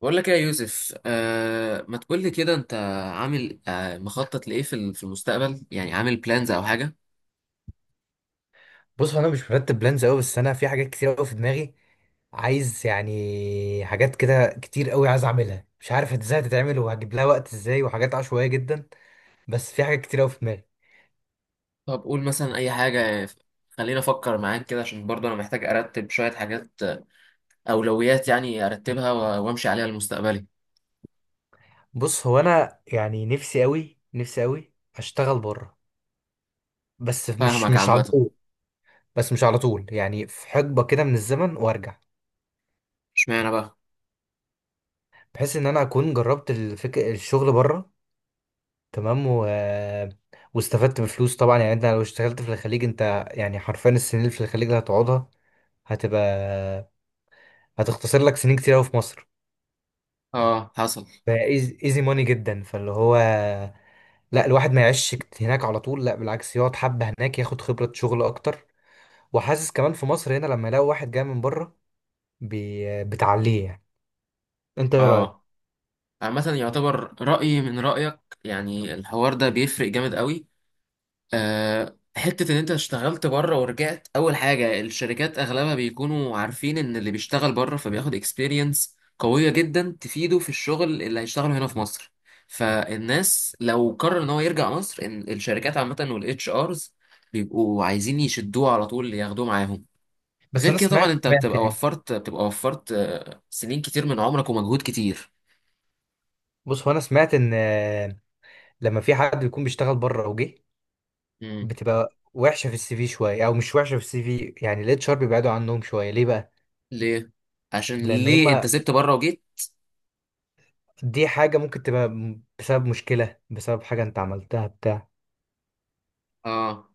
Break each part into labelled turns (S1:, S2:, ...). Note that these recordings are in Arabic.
S1: بقول لك ايه يا يوسف؟ آه، ما تقول لي كده. انت عامل مخطط لايه في المستقبل يعني؟ عامل بلانز او حاجه؟
S2: بص هو انا مش مرتب بلانز قوي، بس انا في حاجات كتير قوي في دماغي. عايز يعني حاجات كده كتير قوي، عايز اعملها، مش عارف ازاي هتتعمل وهجيب لها وقت ازاي، وحاجات عشوائيه جدا. بس في حاجات كتير قوي في دماغي.
S1: طب قول مثلا اي حاجه، خلينا افكر معاك كده، عشان برضه انا محتاج ارتب شويه حاجات، اولويات يعني، ارتبها وامشي عليها لمستقبلي.
S2: بص هو انا يعني نفسي قوي، نفسي قوي اشتغل بره، بس مش
S1: فاهمك
S2: مش على
S1: عامه.
S2: طول. بس مش على طول، يعني في حقبه كده من الزمن وارجع،
S1: اشمعنى بقى؟
S2: بحيث ان انا اكون جربت الشغل بره. تمام واستفدت بفلوس طبعا. يعني انت لو اشتغلت في الخليج، انت يعني حرفيا السنين اللي في الخليج اللي هتقعدها هتبقى هتختصر لك سنين كتير قوي في مصر.
S1: اه، حصل.
S2: فايزي ماني جدا، فاللي هو لا، الواحد ما يعيش هناك على طول، لا بالعكس، يقعد حبة هناك ياخد خبرة شغل اكتر. وحاسس كمان في مصر هنا، لما يلاقي واحد جاي من بره بتعليه يعني. انت ايه رأيك؟
S1: اه، عامه يعتبر رايي من رايك، يعني الحوار ده بيفرق جامد قوي. حتة إن أنت اشتغلت بره ورجعت، أول حاجة الشركات أغلبها بيكونوا عارفين إن اللي بيشتغل بره فبياخد اكسبيرينس قوية جدا تفيده في الشغل اللي هيشتغله هنا في مصر. فالناس لو قرر إن هو يرجع مصر، إن الشركات عامة والاتش آرز بيبقوا عايزين يشدوه على طول، ياخدوه معاهم.
S2: بس
S1: غير
S2: انا
S1: كده طبعا
S2: سمعت
S1: أنت
S2: سمعت
S1: بتبقى
S2: يعني.
S1: وفرت، بتبقى وفرت، سنين كتير من عمرك ومجهود كتير.
S2: بص هو انا سمعت ان لما في حد بيكون بيشتغل بره وجه،
S1: مم.
S2: بتبقى وحشة في السي في شوية، او مش وحشة في السي في، يعني الاتش ار بيبعدوا عنهم شوية. ليه بقى؟
S1: ليه؟ عشان
S2: لان هم،
S1: ليه أنت سبت بره وجيت؟
S2: دي حاجة ممكن تبقى بسبب مشكلة، بسبب حاجة انت عملتها بتاع.
S1: آه،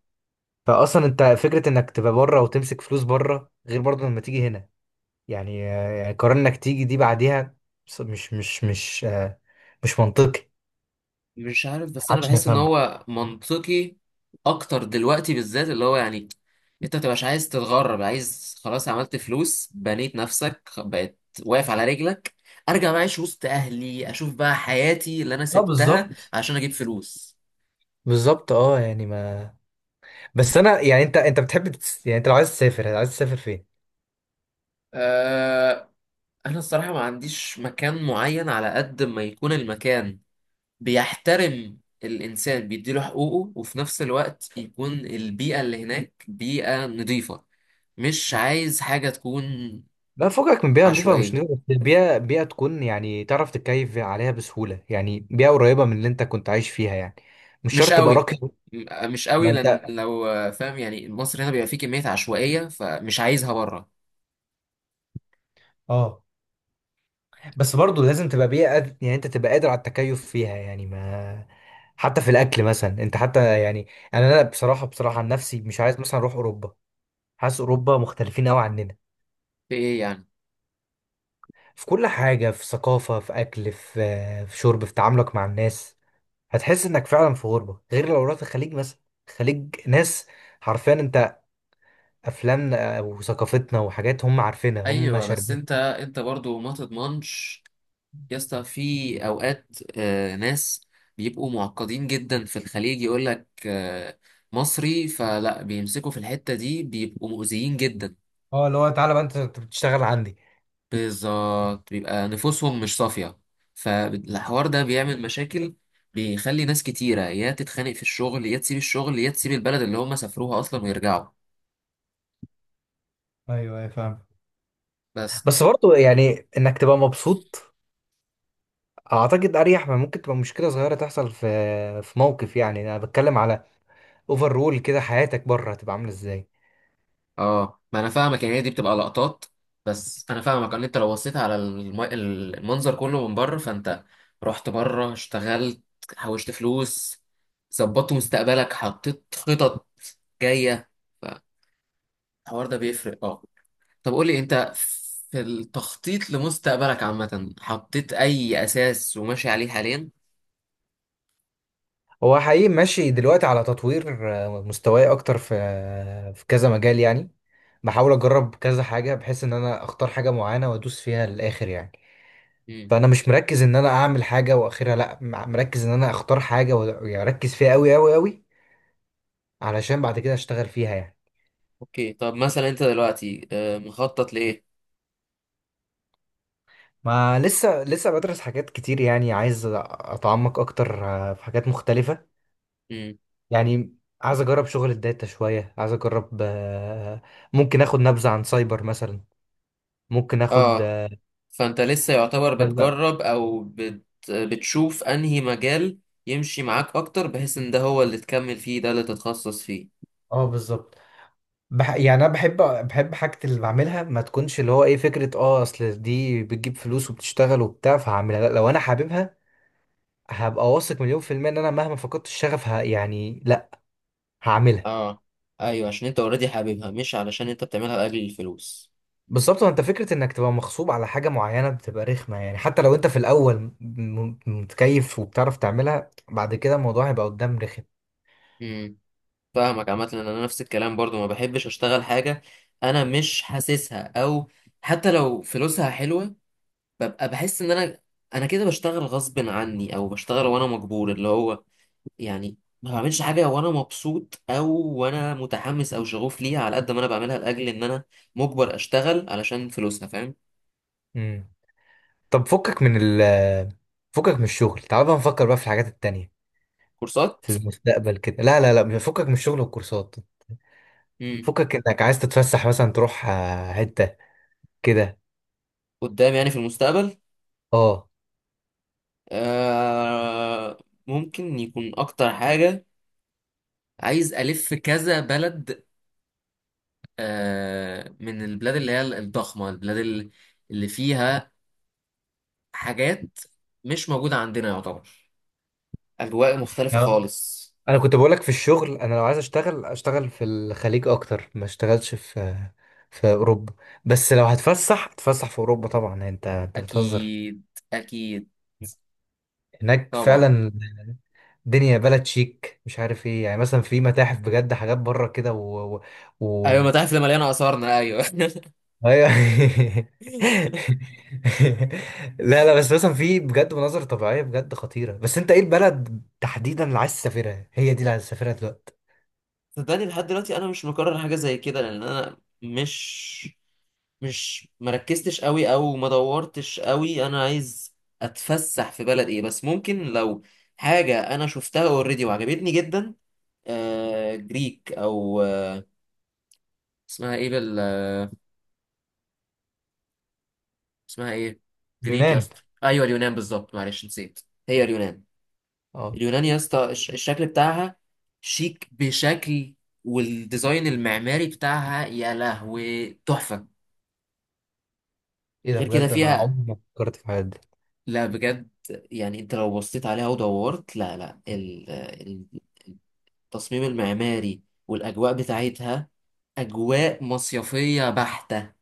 S2: فأصلا انت فكرة انك تبقى بره وتمسك فلوس بره، غير برضه لما تيجي هنا يعني، يعني قرار انك تيجي دي بعديها. بص- مش مش مش آه، مش منطقي،
S1: مش عارف، بس انا
S2: محدش
S1: بحس ان
S2: هيفهمه.
S1: هو منطقي اكتر دلوقتي، بالذات اللي هو يعني انت متبقاش عايز تتغرب، عايز خلاص، عملت فلوس، بنيت نفسك، بقيت واقف على رجلك، ارجع بقى اعيش وسط اهلي، اشوف بقى حياتي اللي انا
S2: اه
S1: سبتها
S2: بالظبط،
S1: عشان اجيب فلوس.
S2: بالظبط، اه يعني ما. بس انا يعني، انت انت بتحب يعني انت لو عايز تسافر، عايز تسافر فين؟
S1: أه، انا الصراحة ما عنديش مكان معين، على قد ما يكون المكان بيحترم الانسان، بيديله حقوقه، وفي نفس الوقت يكون البيئة اللي هناك بيئة نظيفة. مش عايز حاجة تكون
S2: لا فوقك من بيئة نظيفة ومش
S1: عشوائية،
S2: نظيفة، بس بيئة تكون يعني تعرف تتكيف عليها بسهولة، يعني بيئة قريبة من اللي انت كنت عايش فيها يعني. مش
S1: مش
S2: شرط تبقى
S1: قوي.
S2: راقي.
S1: مش
S2: ما
S1: قوي، لأن
S2: انت،
S1: لو فاهم يعني، مصر هنا بيبقى فيه كمية عشوائية، فمش عايزها بره.
S2: اه بس برضه لازم تبقى بيئة يعني انت تبقى قادر على التكيف فيها يعني ما. حتى في الاكل مثلا انت، حتى يعني انا بصراحة، بصراحة عن نفسي مش عايز مثلا اروح اوروبا. حاسس اوروبا مختلفين قوي عننا.
S1: في إيه يعني؟
S2: في كل حاجة، في ثقافة، في اكل، في في شرب، في تعاملك مع الناس. هتحس انك فعلا في غربة، غير لو رحت الخليج مثلا. الخليج ناس، حرفيا انت افلامنا وثقافتنا وحاجات هم عارفينها، هم
S1: أيوة، بس
S2: شاربين.
S1: أنت أنت برضو ما تضمنش يا اسطى، في أوقات ناس بيبقوا معقدين جدا في الخليج، يقول لك آه، مصري، فلا بيمسكوا في الحتة دي، بيبقوا مؤذيين جدا.
S2: اه اللي هو تعالى بقى انت، أنت بتشتغل عندي.
S1: بالظبط، بيبقى نفوسهم مش صافية، فالحوار ده بيعمل مشاكل، بيخلي ناس كتيرة يا تتخانق في الشغل، يا تسيب الشغل، يا تسيب البلد اللي هم سافروها أصلا ويرجعوا.
S2: ايوه، ايوه، فاهم.
S1: بس
S2: بس برضه يعني انك تبقى مبسوط، اعتقد اريح ما ممكن تبقى مشكله صغيره تحصل في في موقف. يعني انا بتكلم على اوفر رول كده، حياتك بره هتبقى عامله ازاي.
S1: اه، ما أنا فاهمك، يعني هي دي بتبقى لقطات. بس أنا فاهمك إن أنت لو بصيت على المنظر كله من بره، فأنت رحت بره، اشتغلت، حوشت فلوس، ظبطت مستقبلك، حطيت خطط جاية، فالحوار ده بيفرق اه. طب قول لي انت، في التخطيط لمستقبلك عامة، حطيت اي اساس وماشي عليه حاليا؟
S2: هو حقيقي ماشي دلوقتي على تطوير مستواي اكتر في في كذا مجال يعني. بحاول اجرب كذا حاجه، بحيث ان انا اختار حاجه معينه وادوس فيها للاخر يعني.
S1: امم.
S2: فانا مش مركز ان انا اعمل حاجه واخرها، لا، مركز ان انا اختار حاجه واركز فيها قوي قوي قوي، علشان بعد كده اشتغل فيها يعني.
S1: اوكي، طب مثلا انت دلوقتي مخطط لايه؟
S2: ما لسه بدرس حاجات كتير، يعني عايز اتعمق اكتر في حاجات مختلفة.
S1: امم.
S2: يعني عايز اجرب شغل الداتا شوية، عايز اجرب ممكن اخد نبذة عن سايبر مثلا. ممكن اخد
S1: اه، فانت لسه يعتبر
S2: نبذة.
S1: بتجرب او بتشوف انهي مجال يمشي معاك اكتر، بحيث ان ده هو اللي تكمل فيه، ده اللي تتخصص فيه.
S2: اه بالظبط. يعني انا بحب حاجة اللي بعملها ما تكونش اللي هو ايه فكرة اه اصل دي بتجيب فلوس وبتشتغل وبتاع فهعملها، لا، لو انا حاببها هبقى واثق 100% ان انا مهما فقدت الشغف يعني لا، هعملها.
S1: اه، ايوه، عشان انت اوريدي حاببها، مش علشان انت بتعملها لاجل الفلوس.
S2: بالظبط، انت فكره انك تبقى مغصوب على حاجه معينه بتبقى رخمه، يعني حتى لو انت في الاول متكيف وبتعرف تعملها، بعد كده الموضوع هيبقى قدام رخم.
S1: فاهمك عامة، ان انا نفس الكلام برضو، ما بحبش اشتغل حاجة انا مش حاسسها، او حتى لو فلوسها حلوة ببقى بحس ان انا، انا كده بشتغل غصب عني، او بشتغل وانا مجبور اللي هو يعني، ما بعملش حاجة وانا مبسوط، او وانا متحمس او شغوف ليها، على قد ما انا بعملها لاجل ان انا مجبر اشتغل علشان فلوسها، فاهم؟
S2: امم طب فكك من ال، فكك من الشغل، تعال بقى نفكر بقى في الحاجات التانية
S1: كورسات.
S2: في المستقبل كده. لا لا لا، فكك من الشغل والكورسات،
S1: امم.
S2: فكك انك عايز تتفسح مثلا تروح حته كده.
S1: قدام يعني، في المستقبل.
S2: اه
S1: آه، ممكن يكون اكتر حاجة، عايز الف كذا بلد، من البلاد اللي هي الضخمة، اللي فيها حاجات مش موجودة عندنا يعتبر، أجواء مختلفة خالص.
S2: انا كنت بقولك في الشغل، انا لو عايز اشتغل اشتغل في الخليج اكتر ما اشتغلش في في اوروبا. بس لو هتفسح، هتفسح في اوروبا طبعا. يعني انت بتهزر،
S1: أكيد، أكيد،
S2: هناك
S1: طبعا.
S2: فعلا الدنيا بلد شيك، مش عارف ايه، يعني مثلا في متاحف بجد، حاجات بره كده
S1: أيوة،
S2: و...
S1: المتاحف اللي مليانة آثارنا، أيوة.
S2: أيوة. لا لا، بس مثلا في بجد مناظر طبيعية بجد خطيرة. بس انت ايه البلد تحديدا اللي عايز تسافرها؟ هي دي اللي عايز تسافرها دلوقتي؟
S1: صدقني لحد دلوقتي أنا مش مكرر حاجة زي كده، لأن أنا مش مركزتش قوي، أو ما دورتش قوي أنا عايز أتفسح في بلد إيه. بس ممكن لو حاجة أنا شفتها أوريدي وعجبتني جدا، جريك، أو اسمها ايه بال، اسمها ايه؟ جريك يا
S2: اليونان.
S1: اسطى، ايوه اليونان بالظبط، معلش نسيت، هي اليونان.
S2: اه
S1: اليونان يا اسطى، الشكل بتاعها شيك بشكل، والديزاين المعماري بتاعها يا لهوي تحفة.
S2: ايه ده،
S1: غير كده
S2: بجد انا
S1: فيها،
S2: عمري ما فكرت في حاجه دي.
S1: لا بجد، يعني انت لو بصيت عليها ودورت، لا لا ال... ال- التصميم المعماري والاجواء بتاعتها، اجواء مصيفية بحتة،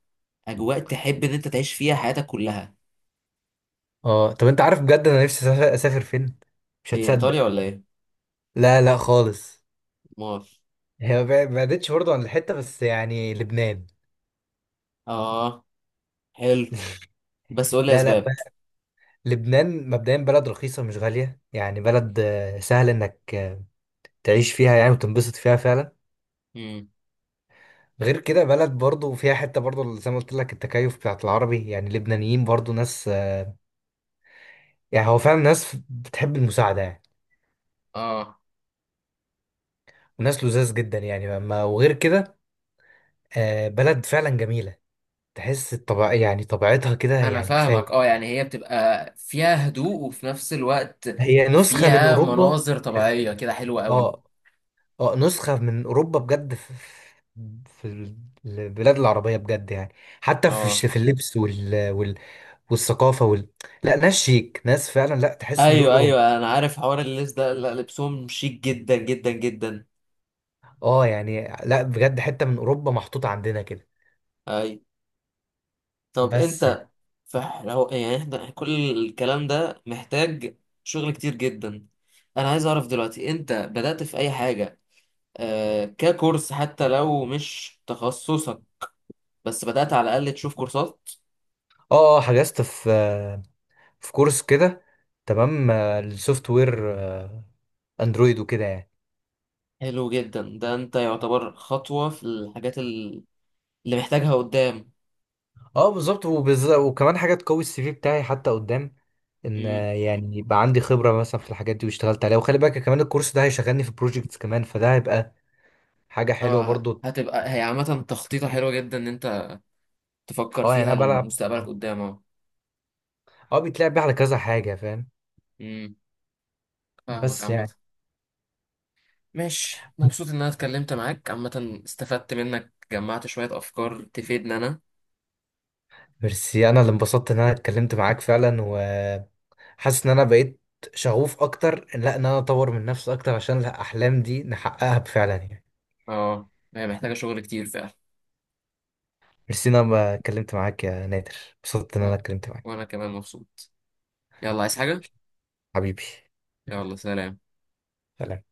S1: اجواء تحب ان انت تعيش فيها حياتك كلها.
S2: اه طب انت عارف بجد انا نفسي اسافر، أسافر فين؟ مش
S1: ايه ايطاليا
S2: هتصدق.
S1: ولا ايه؟
S2: لا لا خالص،
S1: مار،
S2: هي ما بعدتش برضه عن الحته، بس يعني لبنان.
S1: اه حلو. بس قول لي
S2: لا لا ب-
S1: اسباب.
S2: لبنان مبدئيا بلد رخيصه مش غاليه، يعني بلد سهل انك تعيش فيها يعني وتنبسط فيها فعلا.
S1: امم.
S2: غير كده بلد برضه فيها حته برضه زي ما قلت لك، التكيف بتاعت العربي، يعني اللبنانيين برضه ناس يعني هو فعلا ناس بتحب المساعده يعني.
S1: اه
S2: وناس لذاذ جدا يعني ما، وغير كده بلد فعلا جميله، تحس الطبع يعني طبيعتها كده
S1: انا
S2: يعني كفايه.
S1: فاهمك، اه يعني هي بتبقى فيها هدوء، وفي نفس الوقت
S2: هي نسخه من
S1: فيها
S2: اوروبا
S1: مناظر طبيعية كده حلوة قوي.
S2: اه، اه نسخه من اوروبا بجد في البلاد العربيه بجد يعني. حتى في
S1: اه،
S2: في اللبس والثقافه لا ناس شيك، ناس فعلا، لا تحس ان دول
S1: ايوه
S2: اوروبا.
S1: ايوه، انا عارف حوار اللبس ده، لا لبسهم شيك جدا جدا جدا.
S2: اه يعني لا بجد، حته من اوروبا محطوطه عندنا كده.
S1: اي. طب
S2: بس يعني.
S1: انت، فلو يعني، احنا كل الكلام ده محتاج شغل كتير جدا. انا عايز اعرف دلوقتي، انت بدأت في اي حاجة ككورس، حتى لو مش تخصصك، بس بدأت على الأقل تشوف كورسات؟
S2: اه اه حجزت في في كورس كده، تمام، السوفت وير، اندرويد وكده يعني.
S1: حلو جدا ده، أنت يعتبر خطوة في اللي محتاجها قدام.
S2: اه بالظبط، وبالذات وكمان حاجه تقوي السي في بتاعي حتى قدام، ان
S1: مم.
S2: يعني يبقى عندي خبره مثلا في الحاجات دي واشتغلت عليها. وخلي بالك كمان الكورس ده هيشغلني في بروجكتس كمان، فده هيبقى حاجه حلوه
S1: اه،
S2: برضو.
S1: هتبقى هي عامة تخطيطة حلوة جدا إن أنت تفكر
S2: اه يعني
S1: فيها
S2: انا بلعب،
S1: لمستقبلك قدام، اه.
S2: اه بيتلعب بيه على كذا حاجه، فاهم.
S1: مم. فاهمك
S2: بس
S1: عامة.
S2: يعني.
S1: ماشي، مبسوط إن أنا اتكلمت معاك عامة، استفدت منك، جمعت شوية أفكار تفيدني أنا.
S2: ميرسي، انا اللي انبسطت ان انا اتكلمت معاك فعلا، وحاسس ان انا بقيت شغوف اكتر، لا ان انا اطور من نفسي اكتر عشان الاحلام دي نحققها فعلا يعني.
S1: اه، هي محتاجة شغل كتير فعلا.
S2: ميرسي إن انا ما اتكلمت معاك يا نادر، انبسطت ان انا
S1: وأنا،
S2: اتكلمت معاك.
S1: وأنا كمان مبسوط. يلا، عايز حاجة؟
S2: حبيبي،
S1: يلا، سلام.
S2: سلام.